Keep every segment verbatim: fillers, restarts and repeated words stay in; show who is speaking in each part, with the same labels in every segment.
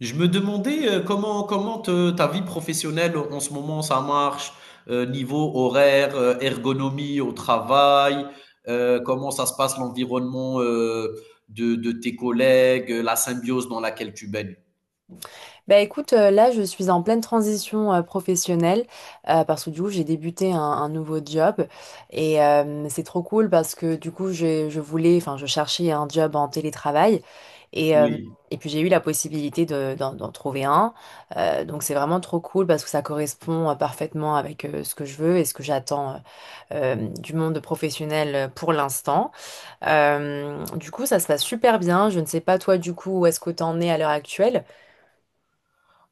Speaker 1: Je me demandais euh, comment comment te- ta vie professionnelle en ce moment ça marche, euh, niveau horaire, euh, ergonomie au travail, euh, comment ça se passe l'environnement, euh, de, de tes collègues, euh, la symbiose dans laquelle tu baignes.
Speaker 2: Bah écoute, euh, là je suis en pleine transition euh, professionnelle euh, parce que du coup j'ai débuté un, un nouveau job et euh, c'est trop cool parce que du coup je, je voulais, enfin je cherchais un job en télétravail et, euh,
Speaker 1: Oui.
Speaker 2: et puis j'ai eu la possibilité de, d'en, d'en trouver un. Euh, donc c'est vraiment trop cool parce que ça correspond euh, parfaitement avec euh, ce que je veux et ce que j'attends euh, euh, du monde professionnel euh, pour l'instant. Euh, du coup ça se passe super bien. Je ne sais pas toi du coup où est-ce que t'en es à l'heure actuelle.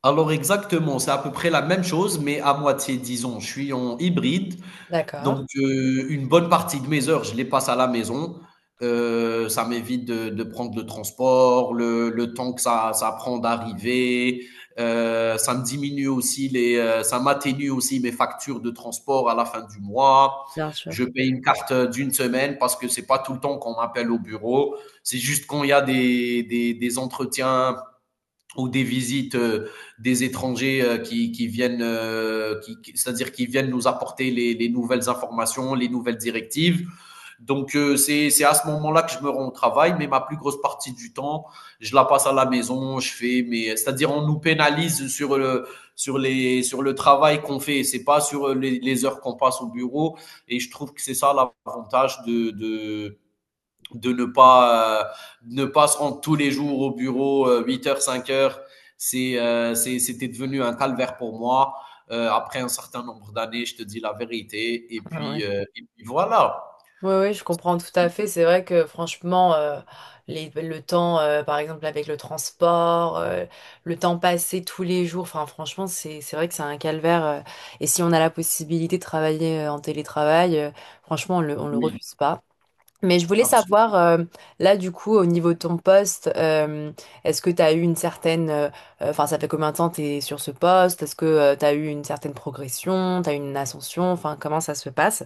Speaker 1: Alors exactement, c'est à peu près la même chose, mais à moitié, disons. Je suis en hybride.
Speaker 2: D'accord.
Speaker 1: Donc, heu, une bonne partie de mes heures, je les passe à la maison. Heu, ça m'évite de de prendre le transport, le le temps que ça ça prend d'arriver. Heu, ça me diminue aussi les, heu, ça m'atténue aussi mes factures de transport à la fin du mois.
Speaker 2: Bien sûr.
Speaker 1: Je paye une carte, d'une semaine parce que c'est pas tout le temps qu'on m'appelle au bureau. C'est juste quand il y a des des des entretiens ou des visites, euh, des étrangers, euh, qui, qui viennent, euh, qui, qui- c'est-à-dire qui viennent nous apporter les, les nouvelles informations, les nouvelles directives. Donc euh, c'est c'est à ce moment-là que je me rends au travail, mais ma plus grosse partie du temps, je la passe à la maison. Je fais, mais c'est-à-dire on nous pénalise sur le sur les sur le travail qu'on fait. C'est pas sur les, les heures qu'on passe au bureau. Et je trouve que c'est ça l'avantage de de de ne pas, euh, ne pas se rendre tous les jours au bureau, euh, huit h cinq heures. C'est, euh, c'est- c'était devenu un calvaire pour moi. Euh, après un certain nombre d'années, je te dis la vérité. Et
Speaker 2: Ah ouais.
Speaker 1: puis, euh, et puis voilà.
Speaker 2: Oui, oui, je comprends tout à fait. C'est vrai que franchement, euh, les- le temps, euh, par exemple, avec le transport, euh, le temps passé tous les jours, enfin, franchement, c'est, c'est vrai que c'est un calvaire. Euh, et si on a la possibilité de travailler euh, en télétravail, euh, franchement, on le, on le
Speaker 1: Oui,
Speaker 2: refuse pas. Mais je voulais
Speaker 1: absolument.
Speaker 2: savoir, euh, là, du coup, au niveau de ton poste, euh, est-ce que tu as eu une certaine. Euh, euh, Enfin, ça fait combien de temps tu es sur ce poste? Est-ce que tu as eu une certaine progression? Tu as eu une ascension? Enfin, comment ça se passe?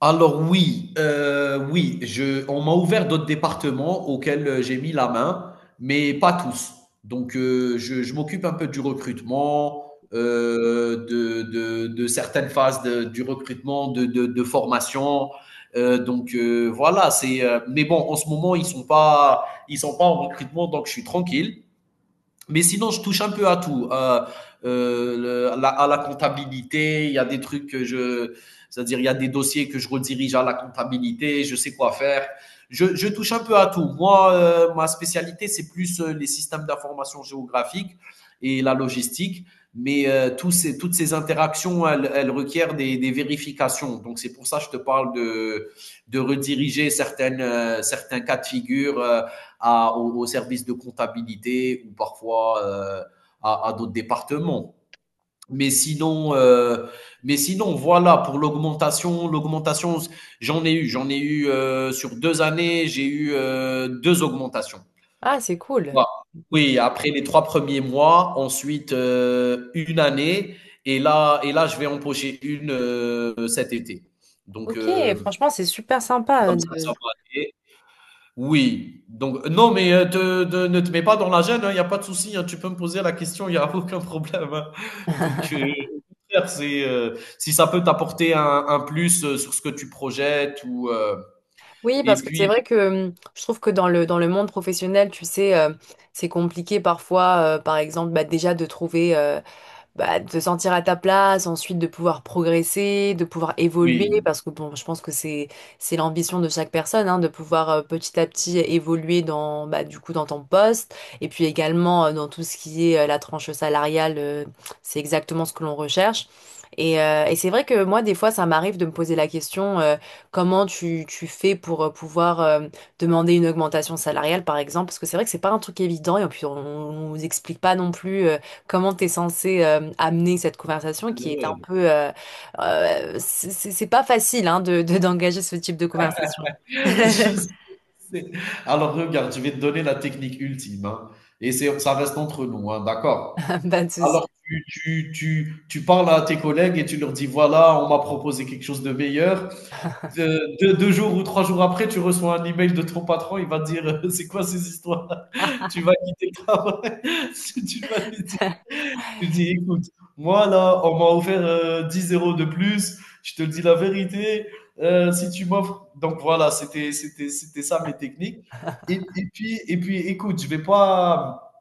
Speaker 1: Alors oui, euh, oui, je, on m'a ouvert d'autres départements auxquels, euh, j'ai mis la main, mais pas tous. Donc euh, je, je m'occupe un peu du recrutement, euh, de, de, de certaines phases de- du recrutement, de, de, de formation. Euh, donc euh, voilà. c'est. Euh, mais bon, en ce moment ils sont pas, ils sont pas en recrutement, donc je suis tranquille. Mais sinon, je touche un peu à tout. Euh, euh, le- la- à la comptabilité, il y a des trucs que je, c'est-à-dire il y a des dossiers que je redirige à la comptabilité, je sais quoi faire. Je, je touche un peu à tout. Moi, euh, ma spécialité, c'est plus, euh, les systèmes d'information géographique et la logistique. Mais euh, tous ces, toutes ces interactions, elles, elles requièrent des, des vérifications. Donc c'est pour ça que je te parle de, de rediriger certaines, euh, certains cas de figure, euh, à, au, au service de comptabilité ou parfois, euh, à, à d'autres départements. Mais sinon, euh, mais sinon, voilà pour l'augmentation. L'augmentation, j'en ai eu, j'en ai eu euh, sur deux années, j'ai eu, euh, deux augmentations.
Speaker 2: Ah, c'est cool.
Speaker 1: Voilà.
Speaker 2: C'est cool.
Speaker 1: Oui, après les trois premiers mois, ensuite, euh, une année, et là, et là, je vais empocher une, euh, cet été. Donc
Speaker 2: Ok,
Speaker 1: euh,
Speaker 2: franchement, c'est super
Speaker 1: c'est
Speaker 2: sympa euh,
Speaker 1: comme ça que ça
Speaker 2: de...
Speaker 1: va aller. Oui, donc non, mais euh, te- te- ne te mets pas dans la gêne, il n'y a pas de souci, hein, tu peux me poser la question, il n'y a aucun problème, hein. Donc, euh, au contraire, c'est, euh, si ça peut t'apporter un, un plus, euh, sur ce que tu projettes, ou, euh,
Speaker 2: Oui,
Speaker 1: et
Speaker 2: parce que c'est
Speaker 1: puis,
Speaker 2: vrai que hum, je trouve que dans le, dans le monde professionnel, tu sais, euh, c'est compliqué parfois, euh, par exemple, bah, déjà de trouver bah, de te sentir à ta place, ensuite de pouvoir progresser, de pouvoir évoluer,
Speaker 1: oui,
Speaker 2: parce que bon, je pense que c'est c'est l'ambition de chaque personne, hein, de pouvoir euh, petit à petit évoluer dans bah, du coup dans ton poste, et puis également euh, dans tout ce qui est euh, la tranche salariale, euh, c'est exactement ce que l'on recherche. Et, euh, et c'est vrai que moi, des fois, ça m'arrive de me poser la question, euh, comment tu, tu fais pour euh, pouvoir euh, demander une augmentation salariale, par exemple, parce que c'est vrai que c'est pas un truc évident et puis on, on nous explique pas non plus. euh, Comment t'es censé euh, amener cette conversation
Speaker 1: c'est
Speaker 2: qui est un
Speaker 1: vrai.
Speaker 2: peu... euh, euh, c'est c'est- c'est pas facile hein, de, de- d'engager ce type de conversation.
Speaker 1: Je sais. Alors, regarde, je vais te donner la technique ultime, hein. Et c'est, ça reste entre nous, hein, d'accord?
Speaker 2: Pas de souci.
Speaker 1: Alors, tu, tu, tu, tu parles à tes collègues et tu leur dis, voilà, on m'a proposé quelque chose de meilleur. De deux deux jours ou trois jours après, tu reçois un email de ton patron, il va te dire, heu: «C'est quoi ces histoires? Tu vas quitter le travail?» tu vas lui dire Tu lui dis: «Écoute, moi là, on m'a offert, heu, dix euros € de plus, je te le dis la vérité. Heu, si tu m'offres...» Donc voilà, c'était c'était c'était ça mes techniques. Et et puis et puis écoute, je vais pas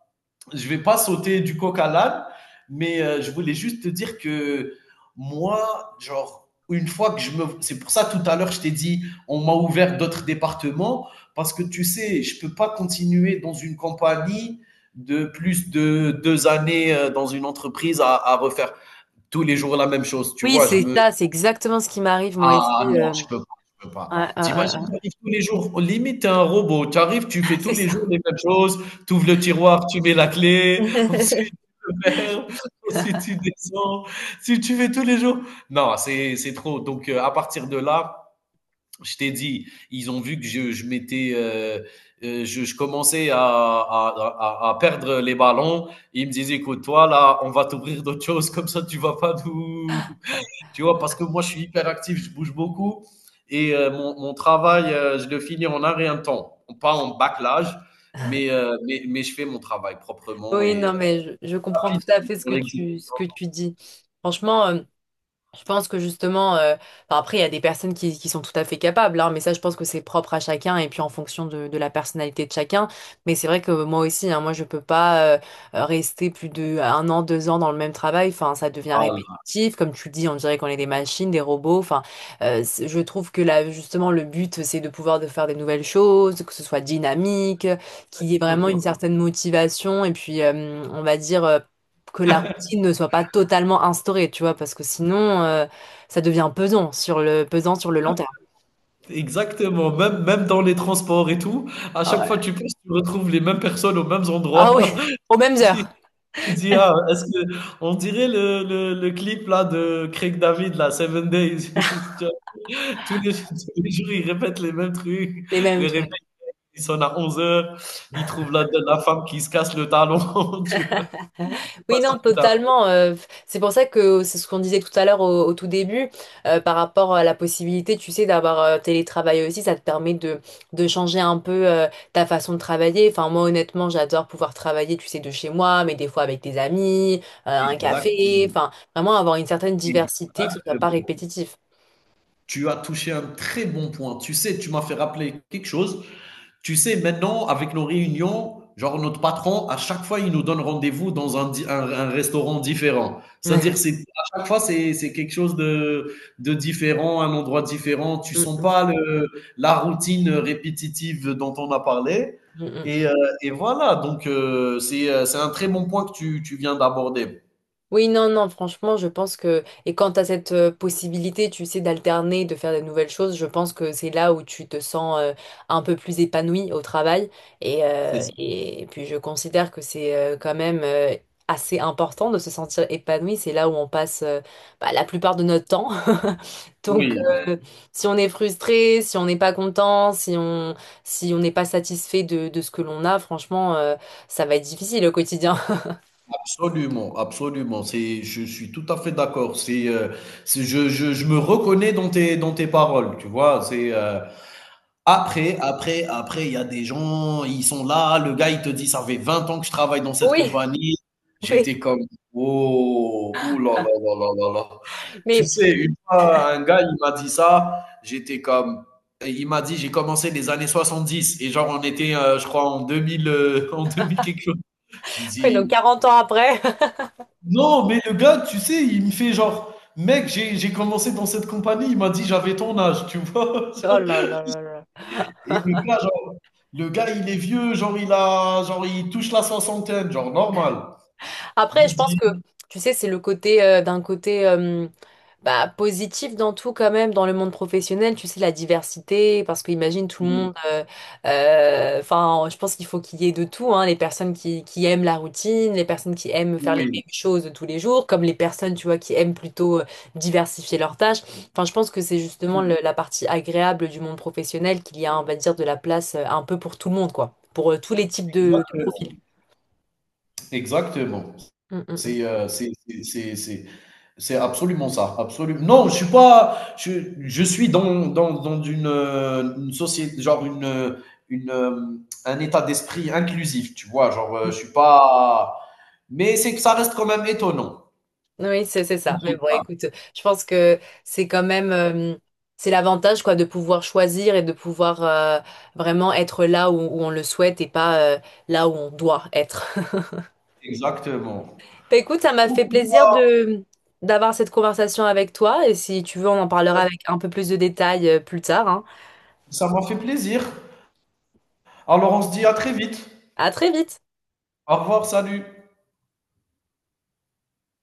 Speaker 1: je ne vais pas sauter du coq à l'âne, mais euh, je voulais juste te dire que moi, genre, une fois que je me... C'est pour ça, tout à l'heure, je t'ai dit, on m'a ouvert d'autres départements, parce que tu sais, je ne peux pas continuer dans une compagnie de plus de deux années, euh, dans une entreprise à, à refaire tous les jours la même chose. Tu
Speaker 2: Oui,
Speaker 1: vois, je
Speaker 2: c'est
Speaker 1: me...
Speaker 2: ça, c'est exactement ce qui m'arrive moi
Speaker 1: Ah
Speaker 2: aussi.
Speaker 1: non,
Speaker 2: Euh,
Speaker 1: je peux pas, je peux pas.
Speaker 2: ah,
Speaker 1: Tu tu
Speaker 2: ah,
Speaker 1: arrives
Speaker 2: ah,
Speaker 1: tous les jours, limite tu un robot. Tu arrives, tu
Speaker 2: ah.
Speaker 1: fais tous
Speaker 2: C'est
Speaker 1: les
Speaker 2: ça.
Speaker 1: jours les mêmes choses, tu ouvres le tiroir, tu mets la clé, ensuite tu le verre, ensuite tu descends. Si tu fais tous les jours... Non, c'est c'est trop. Donc heu, à partir de là, je t'ai dit, ils ont vu que je je m'étais, heu heu, je je commençais à à à à perdre les ballons. Ils me disaient: «Écoute, toi là, on va t'ouvrir d'autres choses comme ça tu vas pas nous...» Tu vois, parce que moi, je suis hyper actif, je bouge beaucoup. Et euh, mon, mon travail, euh, je le finis en un rien de temps. Pas en bâclage, mais, euh, mais, mais je fais mon travail proprement
Speaker 2: Oui,
Speaker 1: et,
Speaker 2: non,
Speaker 1: euh,
Speaker 2: mais je, je comprends
Speaker 1: rapide
Speaker 2: tout à fait ce
Speaker 1: dans
Speaker 2: que
Speaker 1: l'exécution.
Speaker 2: tu, ce que tu dis. Franchement, euh, je pense que justement, euh, enfin, après, il y a des personnes qui, qui sont tout à fait capables, hein, mais ça, je pense que c'est propre à chacun et puis en fonction de, de la personnalité de chacun. Mais c'est vrai que moi aussi, hein, moi, je peux pas euh, rester plus de un an, deux ans dans le même travail. Enfin, ça devient
Speaker 1: Voilà.
Speaker 2: répétitif. Comme tu dis, on dirait qu'on est des machines, des robots. Enfin, euh, c'est- je trouve que là, justement, le but, c'est de pouvoir de faire des nouvelles choses, que ce soit dynamique, qu'il y ait vraiment une certaine motivation et puis, euh, on va dire. Euh, que la routine ne soit pas totalement instaurée, tu vois, parce que sinon, euh, ça devient pesant sur le, pesant sur le long terme.
Speaker 1: Exactement, même, même dans les transports et tout, à
Speaker 2: Ah
Speaker 1: chaque fois que
Speaker 2: ouais.
Speaker 1: tu passes, tu retrouves les mêmes personnes aux mêmes
Speaker 2: Ah oui.
Speaker 1: endroits.
Speaker 2: Aux mêmes
Speaker 1: Tu
Speaker 2: heures,
Speaker 1: tu dis, ah, est-ce que, on dirait le, le, le clip là de Craig David, là, Seven Days. Tu vois. Tous les, tous les jours, ils répètent les mêmes trucs.
Speaker 2: les mêmes
Speaker 1: Les
Speaker 2: trucs.
Speaker 1: Il sonne à onze heures, il trouve la, la femme qui se casse le talon, tu vois. C'est pas
Speaker 2: Oui,
Speaker 1: si...
Speaker 2: non, totalement. Euh, c'est pour ça que c'est ce qu'on disait tout à l'heure au, au tout début, euh, par rapport à la possibilité, tu sais, d'avoir euh, télétravail aussi, ça te permet de, de changer un peu euh, ta façon de travailler. Enfin, moi, honnêtement, j'adore pouvoir travailler, tu sais, de chez moi, mais des fois avec des amis, euh, un café,
Speaker 1: Exactement.
Speaker 2: enfin, vraiment avoir une certaine diversité, que ce soit pas
Speaker 1: Exactement.
Speaker 2: répétitif.
Speaker 1: Tu as touché un très bon point. Tu sais, tu m'as fait rappeler quelque chose. Tu sais, maintenant, avec nos réunions, genre notre patron, à chaque fois, il nous donne rendez-vous dans un, di- un- un restaurant différent. C'est-à-dire,
Speaker 2: Ouais.
Speaker 1: c'est, à chaque fois, c'est, c'est quelque chose de, de différent, un endroit différent. Tu
Speaker 2: Mm,
Speaker 1: sens
Speaker 2: mm,
Speaker 1: pas le, la routine répétitive dont on a parlé.
Speaker 2: mm, mm.
Speaker 1: Et, euh, et voilà. Donc euh, c'est, euh, c'est un très bon point que tu, tu viens d'aborder.
Speaker 2: Oui, non, non, franchement, je pense que... Et quand tu as cette euh, possibilité, tu sais, d'alterner, de faire des nouvelles choses, je pense que c'est là où tu te sens euh, un peu plus épanoui au travail. Et,
Speaker 1: C'est...
Speaker 2: euh, et puis, je considère que c'est euh, quand même euh, assez important de se sentir épanoui. C'est là où on passe euh, bah, la plupart de notre temps. Donc,
Speaker 1: oui.
Speaker 2: euh, si on est frustré, si on n'est pas content, si on si on n'est pas satisfait de, de ce que l'on a, franchement, euh, ça va être difficile au quotidien.
Speaker 1: Absolument, absolument. C'est, je suis tout à fait d'accord. C'est, euh, c'est- je, je, je me reconnais dans tes, dans tes paroles, tu vois. C'est, euh, après, après, après, il y a des gens, ils sont là. Le gars, il te dit, ça fait vingt ans que je travaille dans cette
Speaker 2: Oui,
Speaker 1: compagnie.
Speaker 2: oui,
Speaker 1: J'étais comme: «Oh, ouh là là là là là là.» Tu
Speaker 2: mais
Speaker 1: sais, une fois, un gars, il m'a dit ça. J'étais comme, il m'a dit, j'ai commencé les années soixante-dix et genre, on était, euh, je crois, en deux mille, euh, en deux mille quelque chose. J'ai
Speaker 2: oui, donc
Speaker 1: dit,
Speaker 2: quarante ans après,
Speaker 1: non, mais le gars, tu sais, il me fait genre: «Mec, j'ai j'ai commencé dans cette compagnie.» Il m'a dit: «J'avais ton âge», tu vois?
Speaker 2: oh là là là là.
Speaker 1: Et le gars, genre, le gars, il est vieux, genre il a, genre il touche la soixantaine, genre normal. Je
Speaker 2: Après,
Speaker 1: lui
Speaker 2: je pense
Speaker 1: dis
Speaker 2: que, tu sais, c'est le côté euh, d'un côté euh, bah, positif dans tout quand même, dans le monde professionnel, tu sais, la diversité, parce que imagine tout le
Speaker 1: oui,
Speaker 2: monde, euh, euh, enfin, je pense qu'il faut qu'il y ait de tout, hein, les personnes qui, qui aiment la routine, les personnes qui aiment faire les
Speaker 1: oui,
Speaker 2: mêmes choses tous les jours, comme les personnes, tu vois, qui aiment plutôt euh, diversifier leurs tâches. Enfin, je pense que c'est justement le- la partie agréable du monde professionnel qu'il y a, on va dire, de la place euh, un peu pour tout le monde, quoi, pour euh, tous les types de, de
Speaker 1: exactement,
Speaker 2: profils.
Speaker 1: exactement.
Speaker 2: Mm, mm, mm.
Speaker 1: C'est, heu, c'est c'est c'est c'est c'est absolument ça. Absolu Non, je suis pas... je je suis dans dans dans une, heu, une sociét genre une, heu, une, hem, un état d'esprit inclusif, tu vois? Genre, heu, je suis pas... Mais c'est que ça reste quand même étonnant.
Speaker 2: Oui, c'est c'est ça. Mais bon,
Speaker 1: Ah,
Speaker 2: écoute, je pense que c'est quand même euh, c'est l'avantage quoi de pouvoir choisir et de pouvoir euh, vraiment être là où, où on le souhaite et pas euh, là où on doit être.
Speaker 1: exactement.
Speaker 2: Bah, écoute, ça m'a
Speaker 1: OK,
Speaker 2: fait plaisir de d'avoir cette conversation avec toi et si tu veux, on en parlera avec un peu plus de détails euh, plus tard, hein.
Speaker 1: ça m'a fait plaisir. Alors on se dit à très vite.
Speaker 2: À très vite.
Speaker 1: Au revoir, salut.